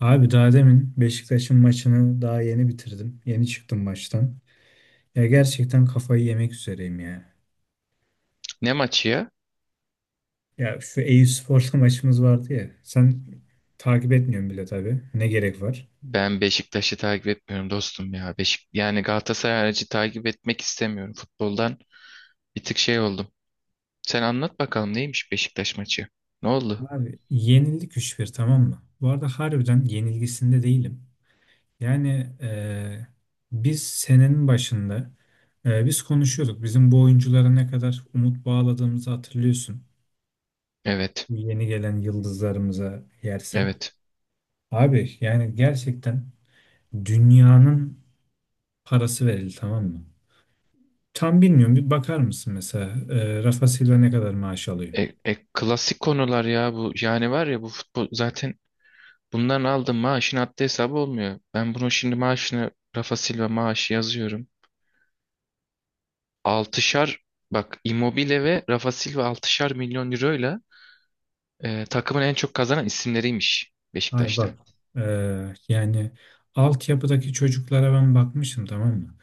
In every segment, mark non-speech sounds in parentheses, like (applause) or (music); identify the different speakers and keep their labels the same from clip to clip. Speaker 1: Abi daha demin Beşiktaş'ın maçını daha yeni bitirdim. Yeni çıktım maçtan. Ya gerçekten kafayı yemek üzereyim ya.
Speaker 2: Ne maçı ya?
Speaker 1: Ya şu Eyüpspor'la (laughs) maçımız vardı ya. Sen takip etmiyorsun bile tabii. Ne gerek var?
Speaker 2: Ben Beşiktaş'ı takip etmiyorum dostum ya. Yani Galatasaray harici takip etmek istemiyorum. Futboldan bir tık şey oldum. Sen anlat bakalım neymiş Beşiktaş maçı? Ne oldu?
Speaker 1: Abi yenildik 3 bir, tamam mı? Bu arada harbiden yenilgisinde değilim. Yani biz senenin başında biz konuşuyorduk. Bizim bu oyunculara ne kadar umut bağladığımızı hatırlıyorsun.
Speaker 2: Evet.
Speaker 1: Bu yeni gelen yıldızlarımıza yersen.
Speaker 2: Evet.
Speaker 1: Abi yani gerçekten dünyanın parası verildi, tamam mı? Tam bilmiyorum, bir bakar mısın mesela Rafa Silva ne kadar maaş alıyor?
Speaker 2: Klasik konular ya bu. Yani var ya bu futbol zaten bundan aldığım maaşın haddi hesabı olmuyor. Ben bunu şimdi maaşını Rafa Silva maaşı yazıyorum. Altışar bak, Immobile ve Rafa Silva altışar milyon euroyla takımın en çok kazanan isimleriymiş
Speaker 1: Hayır
Speaker 2: Beşiktaş'ta.
Speaker 1: bak, e, yani altyapıdaki çocuklara ben bakmışım, tamam mı?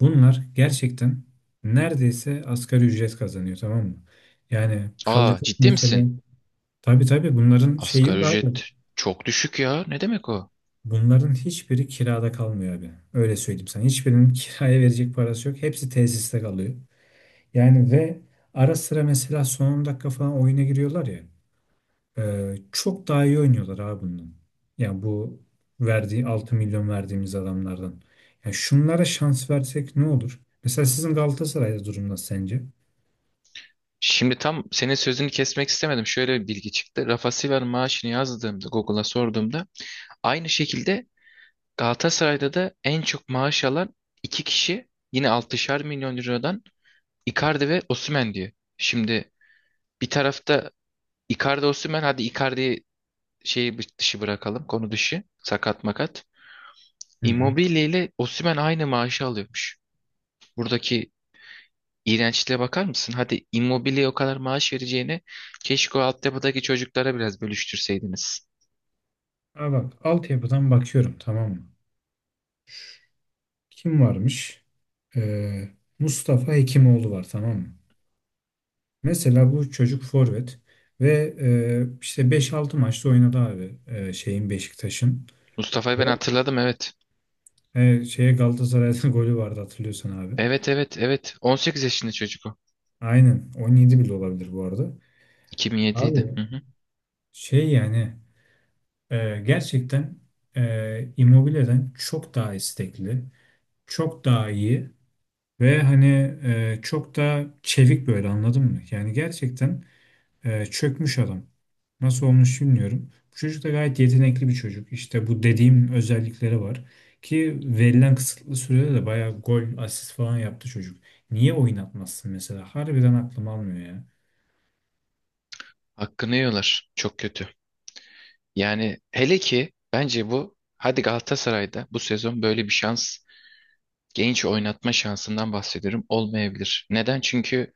Speaker 1: Bunlar gerçekten neredeyse asgari ücret kazanıyor, tamam mı? Yani
Speaker 2: Aa,
Speaker 1: kalacak
Speaker 2: ciddi
Speaker 1: mesela
Speaker 2: misin?
Speaker 1: tabii tabii bunların şeyi
Speaker 2: Asgari
Speaker 1: yok abi.
Speaker 2: ücret çok düşük ya. Ne demek o?
Speaker 1: Bunların hiçbiri kirada kalmıyor abi. Öyle söyleyeyim sana. Hiçbirinin (laughs) kiraya verecek parası yok. Hepsi tesiste kalıyor. Yani ve ara sıra mesela son 10 dakika falan oyuna giriyorlar ya. Çok daha iyi oynuyorlar abi bundan. Yani bu verdiği 6 milyon verdiğimiz adamlardan. Yani şunlara şans versek ne olur? Mesela sizin Galatasaray'da durum nasıl sence?
Speaker 2: Şimdi tam senin sözünü kesmek istemedim. Şöyle bir bilgi çıktı. Rafa Silva'nın maaşını yazdığımda Google'a sorduğumda aynı şekilde Galatasaray'da da en çok maaş alan iki kişi yine 6'şar milyon liradan Icardi ve Osimhen diyor. Şimdi bir tarafta Icardi Osimhen, hadi Icardi'yi şeyi dışı bırakalım, konu dışı, sakat makat.
Speaker 1: Hı hı.
Speaker 2: Immobile ile Osimhen aynı maaşı alıyormuş. Buradaki iğrençliğe bakar mısın? Hadi Immobile'ye o kadar maaş vereceğine keşke o altyapıdaki çocuklara biraz bölüştürseydiniz.
Speaker 1: Ha bak, altyapıdan bakıyorum, tamam mı? Kim varmış? Ee, Mustafa Hekimoğlu var, tamam mı? Mesela bu çocuk forvet ve işte beş altı maçta oynadı abi, şeyin Beşiktaş'ın.
Speaker 2: Mustafa'yı ben hatırladım, evet.
Speaker 1: He, şeye Galatasaray'da (laughs) golü vardı hatırlıyorsan abi.
Speaker 2: Evet, evet, evet. 18 yaşında çocuk o.
Speaker 1: Aynen, 17 bile olabilir bu arada.
Speaker 2: 2007'ydi. Hı
Speaker 1: Abi
Speaker 2: hı.
Speaker 1: şey yani, gerçekten Immobile'den çok daha istekli, çok daha iyi ve hani çok daha çevik, böyle anladın mı? Yani gerçekten çökmüş adam. Nasıl olmuş bilmiyorum. Bu çocuk da gayet yetenekli bir çocuk. İşte bu dediğim özellikleri var. Ki verilen kısıtlı sürede de bayağı gol, asist falan yaptı çocuk. Niye oynatmazsın mesela? Harbiden aklım almıyor ya.
Speaker 2: Hakkını yiyorlar. Çok kötü. Yani hele ki bence bu, hadi Galatasaray'da bu sezon böyle bir şans, genç oynatma şansından bahsediyorum, olmayabilir. Neden? Çünkü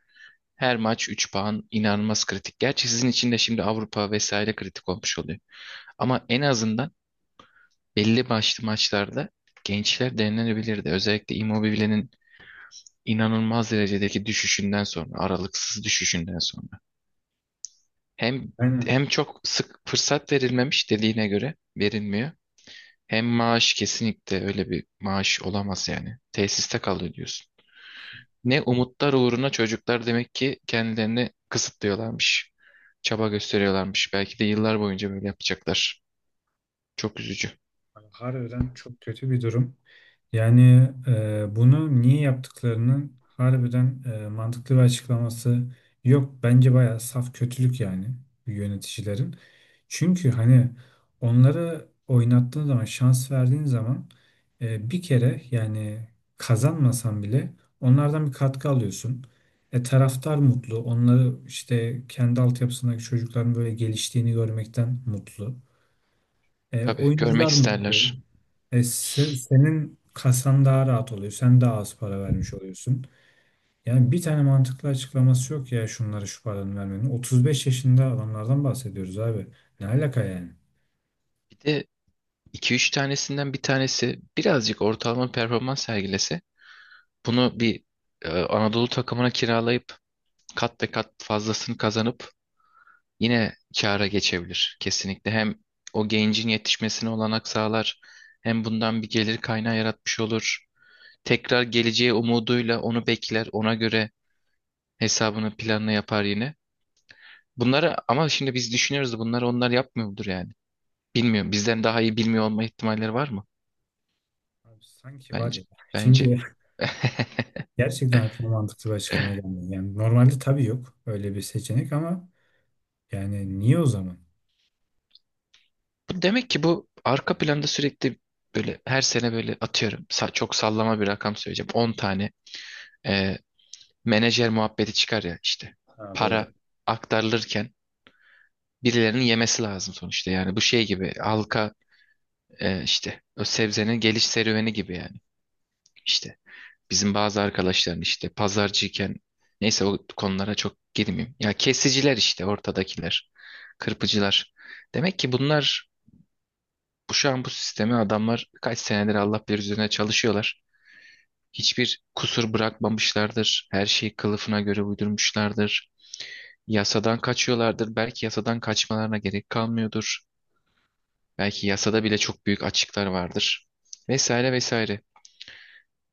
Speaker 2: her maç 3 puan inanılmaz kritik. Gerçi sizin için de şimdi Avrupa vesaire kritik olmuş oluyor. Ama en azından belli başlı maçlarda gençler denenebilirdi. Özellikle Immobile'nin inanılmaz derecedeki düşüşünden sonra, aralıksız düşüşünden sonra. Hem
Speaker 1: Aynen.
Speaker 2: hem çok sık fırsat verilmemiş dediğine göre verilmiyor. Hem maaş, kesinlikle öyle bir maaş olamaz yani. Tesiste kalıyor diyorsun. Ne umutlar uğruna çocuklar demek ki kendilerini kısıtlıyorlarmış. Çaba gösteriyorlarmış. Belki de yıllar boyunca böyle yapacaklar. Çok üzücü.
Speaker 1: Harbiden çok kötü bir durum. Yani bunu niye yaptıklarının harbiden mantıklı bir açıklaması yok. Bence bayağı saf kötülük yani, yöneticilerin. Çünkü hani onları oynattığın zaman, şans verdiğin zaman, bir kere yani kazanmasan bile onlardan bir katkı alıyorsun. E, taraftar mutlu. Onları işte kendi altyapısındaki çocukların böyle geliştiğini görmekten mutlu. E,
Speaker 2: Tabii görmek
Speaker 1: oyuncular mutlu.
Speaker 2: isterler.
Speaker 1: Senin kasan daha rahat oluyor. Sen daha az para vermiş oluyorsun. Yani bir tane mantıklı açıklaması yok ya şunlara şu paranı vermenin. 35 yaşında adamlardan bahsediyoruz abi. Ne alaka yani?
Speaker 2: Bir de 2 üç tanesinden bir tanesi birazcık ortalama performans sergilese, bunu bir Anadolu takımına kiralayıp kat ve kat fazlasını kazanıp yine kâra geçebilir kesinlikle. Hem o gencin yetişmesine olanak sağlar, hem bundan bir gelir kaynağı yaratmış olur. Tekrar geleceği umuduyla onu bekler, ona göre hesabını planını yapar yine. Bunları ama şimdi biz düşünüyoruz da bunları onlar yapmıyor mudur yani? Bilmiyorum. Bizden daha iyi bilmiyor olma ihtimalleri var mı?
Speaker 1: Abi sanki var
Speaker 2: Bence
Speaker 1: ya.
Speaker 2: bence
Speaker 1: Şimdi
Speaker 2: (laughs)
Speaker 1: (laughs) gerçekten aklıma mantıklı bir açıklama gelmiyor. Yani normalde tabii yok öyle bir seçenek ama yani niye o zaman?
Speaker 2: Demek ki bu arka planda sürekli böyle her sene, böyle atıyorum çok sallama bir rakam söyleyeceğim, 10 tane e, menajer muhabbeti çıkar ya işte,
Speaker 1: Ha,
Speaker 2: para
Speaker 1: doğru.
Speaker 2: aktarılırken birilerinin yemesi lazım sonuçta. Yani bu şey gibi, halka işte o sebzenin geliş serüveni gibi yani, işte bizim bazı arkadaşların işte pazarcıyken, neyse o konulara çok girmeyeyim ya, kesiciler işte, ortadakiler, kırpıcılar, demek ki bunlar. Bu şu an bu sistemi adamlar kaç senedir Allah bilir üzerine çalışıyorlar. Hiçbir kusur bırakmamışlardır. Her şeyi kılıfına göre uydurmuşlardır. Yasadan kaçıyorlardır. Belki yasadan kaçmalarına gerek kalmıyordur. Belki yasada bile çok büyük açıklar vardır. Vesaire vesaire.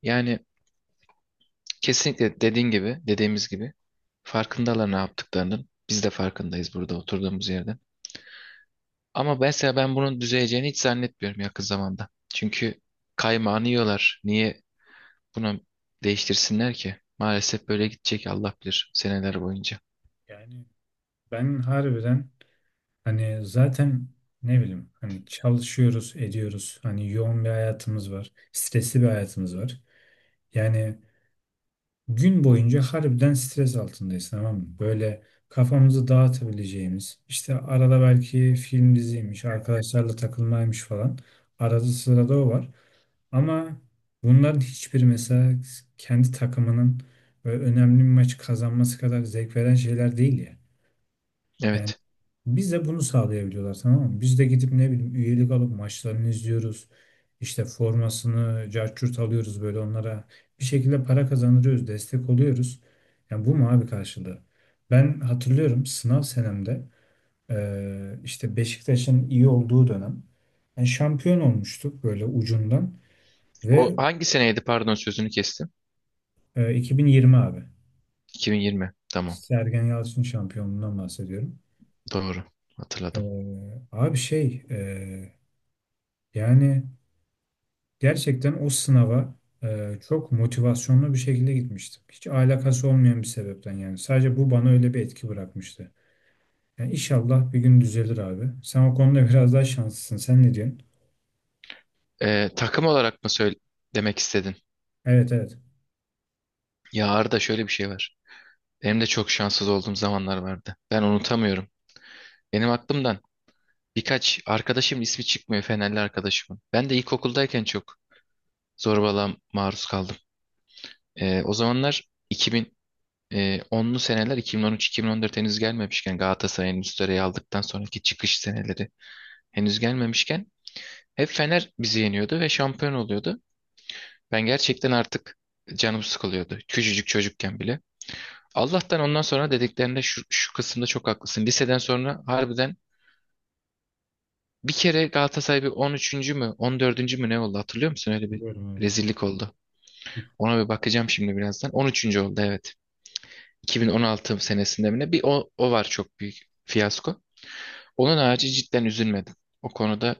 Speaker 2: Yani kesinlikle dediğin gibi, dediğimiz gibi farkındalar ne yaptıklarının. Biz de farkındayız burada oturduğumuz yerde. Ama mesela ben bunun düzeleceğini hiç zannetmiyorum yakın zamanda. Çünkü kaymağını yiyorlar. Niye bunu değiştirsinler ki? Maalesef böyle gidecek Allah bilir seneler boyunca.
Speaker 1: Yani ben harbiden hani zaten ne bileyim hani çalışıyoruz, ediyoruz. Hani yoğun bir hayatımız var. Stresli bir hayatımız var. Yani gün boyunca harbiden stres altındayız, tamam mı? Böyle kafamızı dağıtabileceğimiz, işte arada belki film diziymiş, arkadaşlarla takılmaymış falan. Arada sırada o var. Ama bunların hiçbiri mesela kendi takımının böyle önemli bir maç kazanması kadar zevk veren şeyler değil ya. Yani
Speaker 2: Evet.
Speaker 1: bize bunu sağlayabiliyorlar, tamam mı? Biz de gidip ne bileyim üyelik alıp maçlarını izliyoruz. İşte formasını carçurt alıyoruz böyle onlara. Bir şekilde para kazandırıyoruz, destek oluyoruz. Yani bu mu abi karşılığı? Ben hatırlıyorum sınav senemde, işte Beşiktaş'ın iyi olduğu dönem. Yani şampiyon olmuştuk böyle ucundan
Speaker 2: O
Speaker 1: ve
Speaker 2: hangi seneydi? Pardon sözünü kestim.
Speaker 1: 2020 abi.
Speaker 2: 2020. Tamam.
Speaker 1: Sergen Yalçın şampiyonluğundan bahsediyorum.
Speaker 2: Doğru. Hatırladım.
Speaker 1: Abi şey, yani gerçekten o sınava çok motivasyonlu bir şekilde gitmiştim. Hiç alakası olmayan bir sebepten yani. Sadece bu bana öyle bir etki bırakmıştı. Yani inşallah bir gün düzelir abi. Sen o konuda (laughs) biraz daha şanslısın. Sen ne diyorsun?
Speaker 2: Takım olarak mı söyle demek istedin?
Speaker 1: Evet, evet.
Speaker 2: Ya Arda, şöyle bir şey var. Benim de çok şanssız olduğum zamanlar vardı. Ben unutamıyorum. Benim aklımdan birkaç arkadaşım ismi çıkmıyor, Fenerli arkadaşımın. Ben de ilkokuldayken çok zorbalığa maruz kaldım. O zamanlar 2000, onlu seneler, 2013-2014 henüz gelmemişken, Galatasaray'ın üst sırayı aldıktan sonraki çıkış seneleri henüz gelmemişken hep Fener bizi yeniyordu ve şampiyon oluyordu. Ben gerçekten artık canım sıkılıyordu. Küçücük çocukken bile. Allah'tan ondan sonra dediklerinde şu kısımda çok haklısın. Liseden sonra harbiden bir kere Galatasaray bir 13. mü, 14. mü ne oldu hatırlıyor musun? Öyle bir
Speaker 1: Biliyorum, evet.
Speaker 2: rezillik oldu. Ona bir bakacağım şimdi birazdan. 13. oldu, evet. 2016 senesinde mi ne? Bir o var, çok büyük fiyasko. Onun harici cidden üzülmedim. O konuda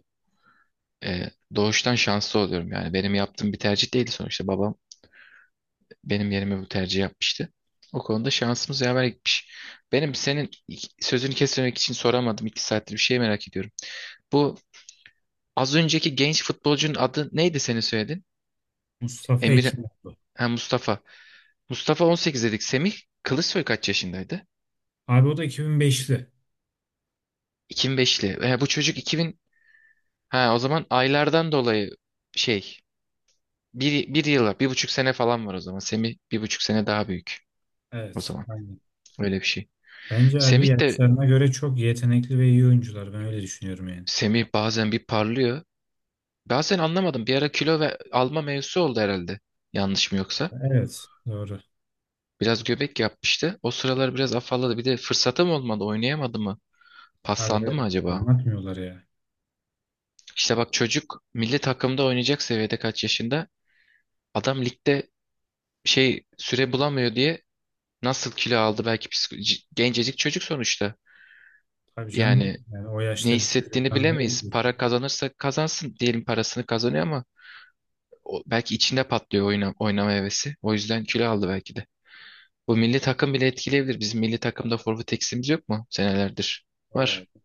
Speaker 2: e, doğuştan şanslı oluyorum. Yani benim yaptığım bir tercih değildi sonuçta. Babam benim yerime bu tercih yapmıştı. O konuda şansımız yaver gitmiş. Benim senin sözünü kesmemek için soramadım. İki saattir bir şey merak ediyorum. Bu az önceki genç futbolcunun adı neydi, senin söyledin?
Speaker 1: Mustafa
Speaker 2: Emir,
Speaker 1: Ekin.
Speaker 2: ha, Mustafa. Mustafa 18 dedik. Semih Kılıçsoy kaç yaşındaydı?
Speaker 1: Abi o da 2005'li.
Speaker 2: 2005'li. Bu çocuk 2000, ha, o zaman aylardan dolayı şey, bir yıla, bir buçuk sene falan var o zaman. Semih bir buçuk sene daha büyük o
Speaker 1: Evet.
Speaker 2: zaman.
Speaker 1: Aynen.
Speaker 2: Öyle bir şey.
Speaker 1: Bence abi
Speaker 2: Semih de
Speaker 1: yaşlarına göre çok yetenekli ve iyi oyuncular. Ben öyle düşünüyorum yani.
Speaker 2: Semih bazen bir parlıyor. Bazen anlamadım. Bir ara kilo ve alma mevzusu oldu herhalde. Yanlış mı yoksa?
Speaker 1: Evet. Doğru.
Speaker 2: Biraz göbek yapmıştı. O sıralar biraz afalladı. Bir de fırsatı mı olmadı? Oynayamadı mı?
Speaker 1: Abi
Speaker 2: Paslandı mı
Speaker 1: evet.
Speaker 2: acaba?
Speaker 1: Anlatmıyorlar ya.
Speaker 2: İşte bak çocuk milli takımda oynayacak seviyede kaç yaşında? Adam ligde şey süre bulamıyor diye nasıl kilo aldı? Belki gencecik çocuk sonuçta.
Speaker 1: Tabii canım.
Speaker 2: Yani
Speaker 1: Yani o
Speaker 2: ne
Speaker 1: yaşta bir
Speaker 2: hissettiğini
Speaker 1: çocuktan ne
Speaker 2: bilemeyiz.
Speaker 1: bekliyorsun?
Speaker 2: Para kazanırsa kazansın diyelim, parasını kazanıyor ama o, belki içinde patlıyor oynama hevesi. O yüzden kilo aldı belki de. Bu milli takım bile etkileyebilir. Bizim milli takımda forvet eksiğimiz yok mu senelerdir?
Speaker 1: Var
Speaker 2: Var.
Speaker 1: abi.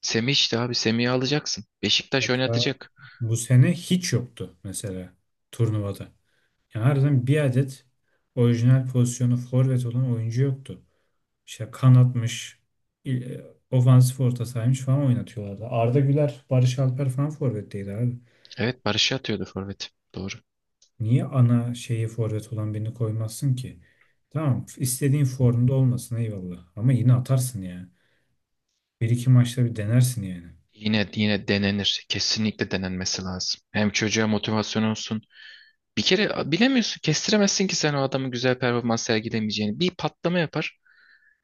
Speaker 2: Semih işte abi, Semih'i alacaksın. Beşiktaş
Speaker 1: Hatta
Speaker 2: oynatacak.
Speaker 1: bu sene hiç yoktu mesela turnuvada. Yani harbiden bir adet orijinal pozisyonu forvet olan oyuncu yoktu. İşte kanatmış, il- e, ofansif orta sahaymış falan oynatıyorlardı. Arda Güler, Barış Alper falan forvetteydi abi.
Speaker 2: Evet, Barış'ı atıyordu forvet. Doğru.
Speaker 1: Niye ana şeyi forvet olan birini koymazsın ki? Tamam, istediğin formda olmasın, eyvallah. Ama yine atarsın yani. Bir iki maçta bir denersin yani.
Speaker 2: Yine yine denenir. Kesinlikle denenmesi lazım. Hem çocuğa motivasyon olsun. Bir kere bilemiyorsun, kestiremezsin ki sen o adamın güzel performans sergilemeyeceğini. Bir patlama yapar.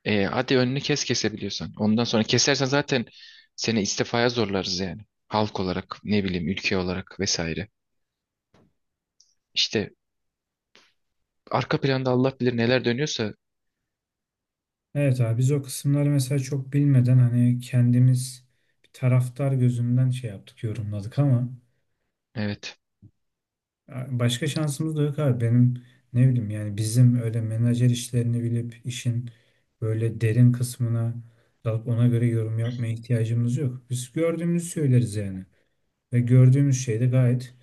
Speaker 2: Hadi önünü kes kesebiliyorsan. Ondan sonra kesersen zaten seni istifaya zorlarız yani. Halk olarak, ne bileyim, ülke olarak vesaire. İşte arka planda Allah bilir neler dönüyorsa,
Speaker 1: Evet abi, biz o kısımları mesela çok bilmeden hani kendimiz bir taraftar gözünden şey yaptık, yorumladık ama
Speaker 2: evet,
Speaker 1: başka şansımız da yok abi. Benim ne bileyim yani, bizim öyle menajer işlerini bilip işin böyle derin kısmına dalıp ona göre yorum yapmaya ihtiyacımız yok. Biz gördüğümüzü söyleriz yani ve gördüğümüz şey de gayet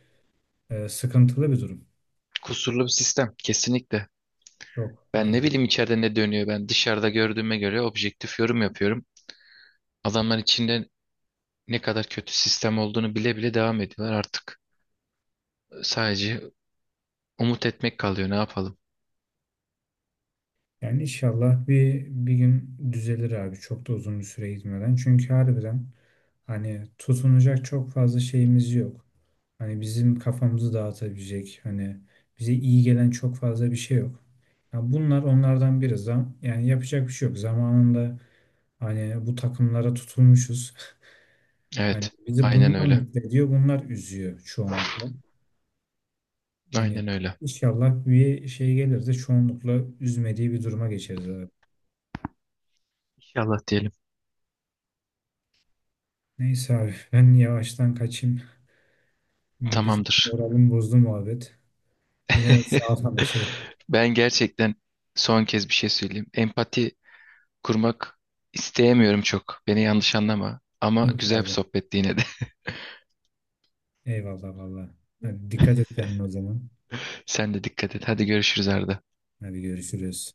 Speaker 1: sıkıntılı bir durum.
Speaker 2: kusurlu bir sistem kesinlikle.
Speaker 1: Çok
Speaker 2: Ben ne
Speaker 1: harbiden.
Speaker 2: bileyim içeride ne dönüyor, ben dışarıda gördüğüme göre objektif yorum yapıyorum. Adamlar içinde ne kadar kötü sistem olduğunu bile bile devam ediyorlar artık. Sadece umut etmek kalıyor, ne yapalım.
Speaker 1: Yani inşallah bir gün düzelir abi, çok da uzun bir süre gitmeden, çünkü harbiden hani tutunacak çok fazla şeyimiz yok. Hani bizim kafamızı dağıtabilecek, hani bize iyi gelen çok fazla bir şey yok. Ya bunlar onlardan biri. Zam yani yapacak bir şey yok. Zamanında hani bu takımlara tutulmuşuz. (laughs) Hani
Speaker 2: Evet,
Speaker 1: bizi
Speaker 2: aynen
Speaker 1: bunlar
Speaker 2: öyle.
Speaker 1: mutlu ediyor, bunlar üzüyor çoğunlukla. Hani
Speaker 2: Aynen öyle.
Speaker 1: inşallah bir şey gelir de çoğunlukla üzmediği bir duruma geçeriz abi.
Speaker 2: İnşallah diyelim.
Speaker 1: Neyse abi, ben yavaştan kaçayım. Bizim
Speaker 2: Tamamdır.
Speaker 1: moralimi bozdu muhabbet. Yine de sağ ol
Speaker 2: (laughs)
Speaker 1: ama şey.
Speaker 2: Ben gerçekten son kez bir şey söyleyeyim. Empati kurmak isteyemiyorum çok. Beni yanlış anlama. Ama
Speaker 1: Yok
Speaker 2: güzel bir
Speaker 1: abi.
Speaker 2: sohbetti yine de.
Speaker 1: Eyvallah valla. Hadi, dikkat et kendine o zaman.
Speaker 2: (laughs) Sen de dikkat et. Hadi görüşürüz, Arda.
Speaker 1: Hadi görüşürüz.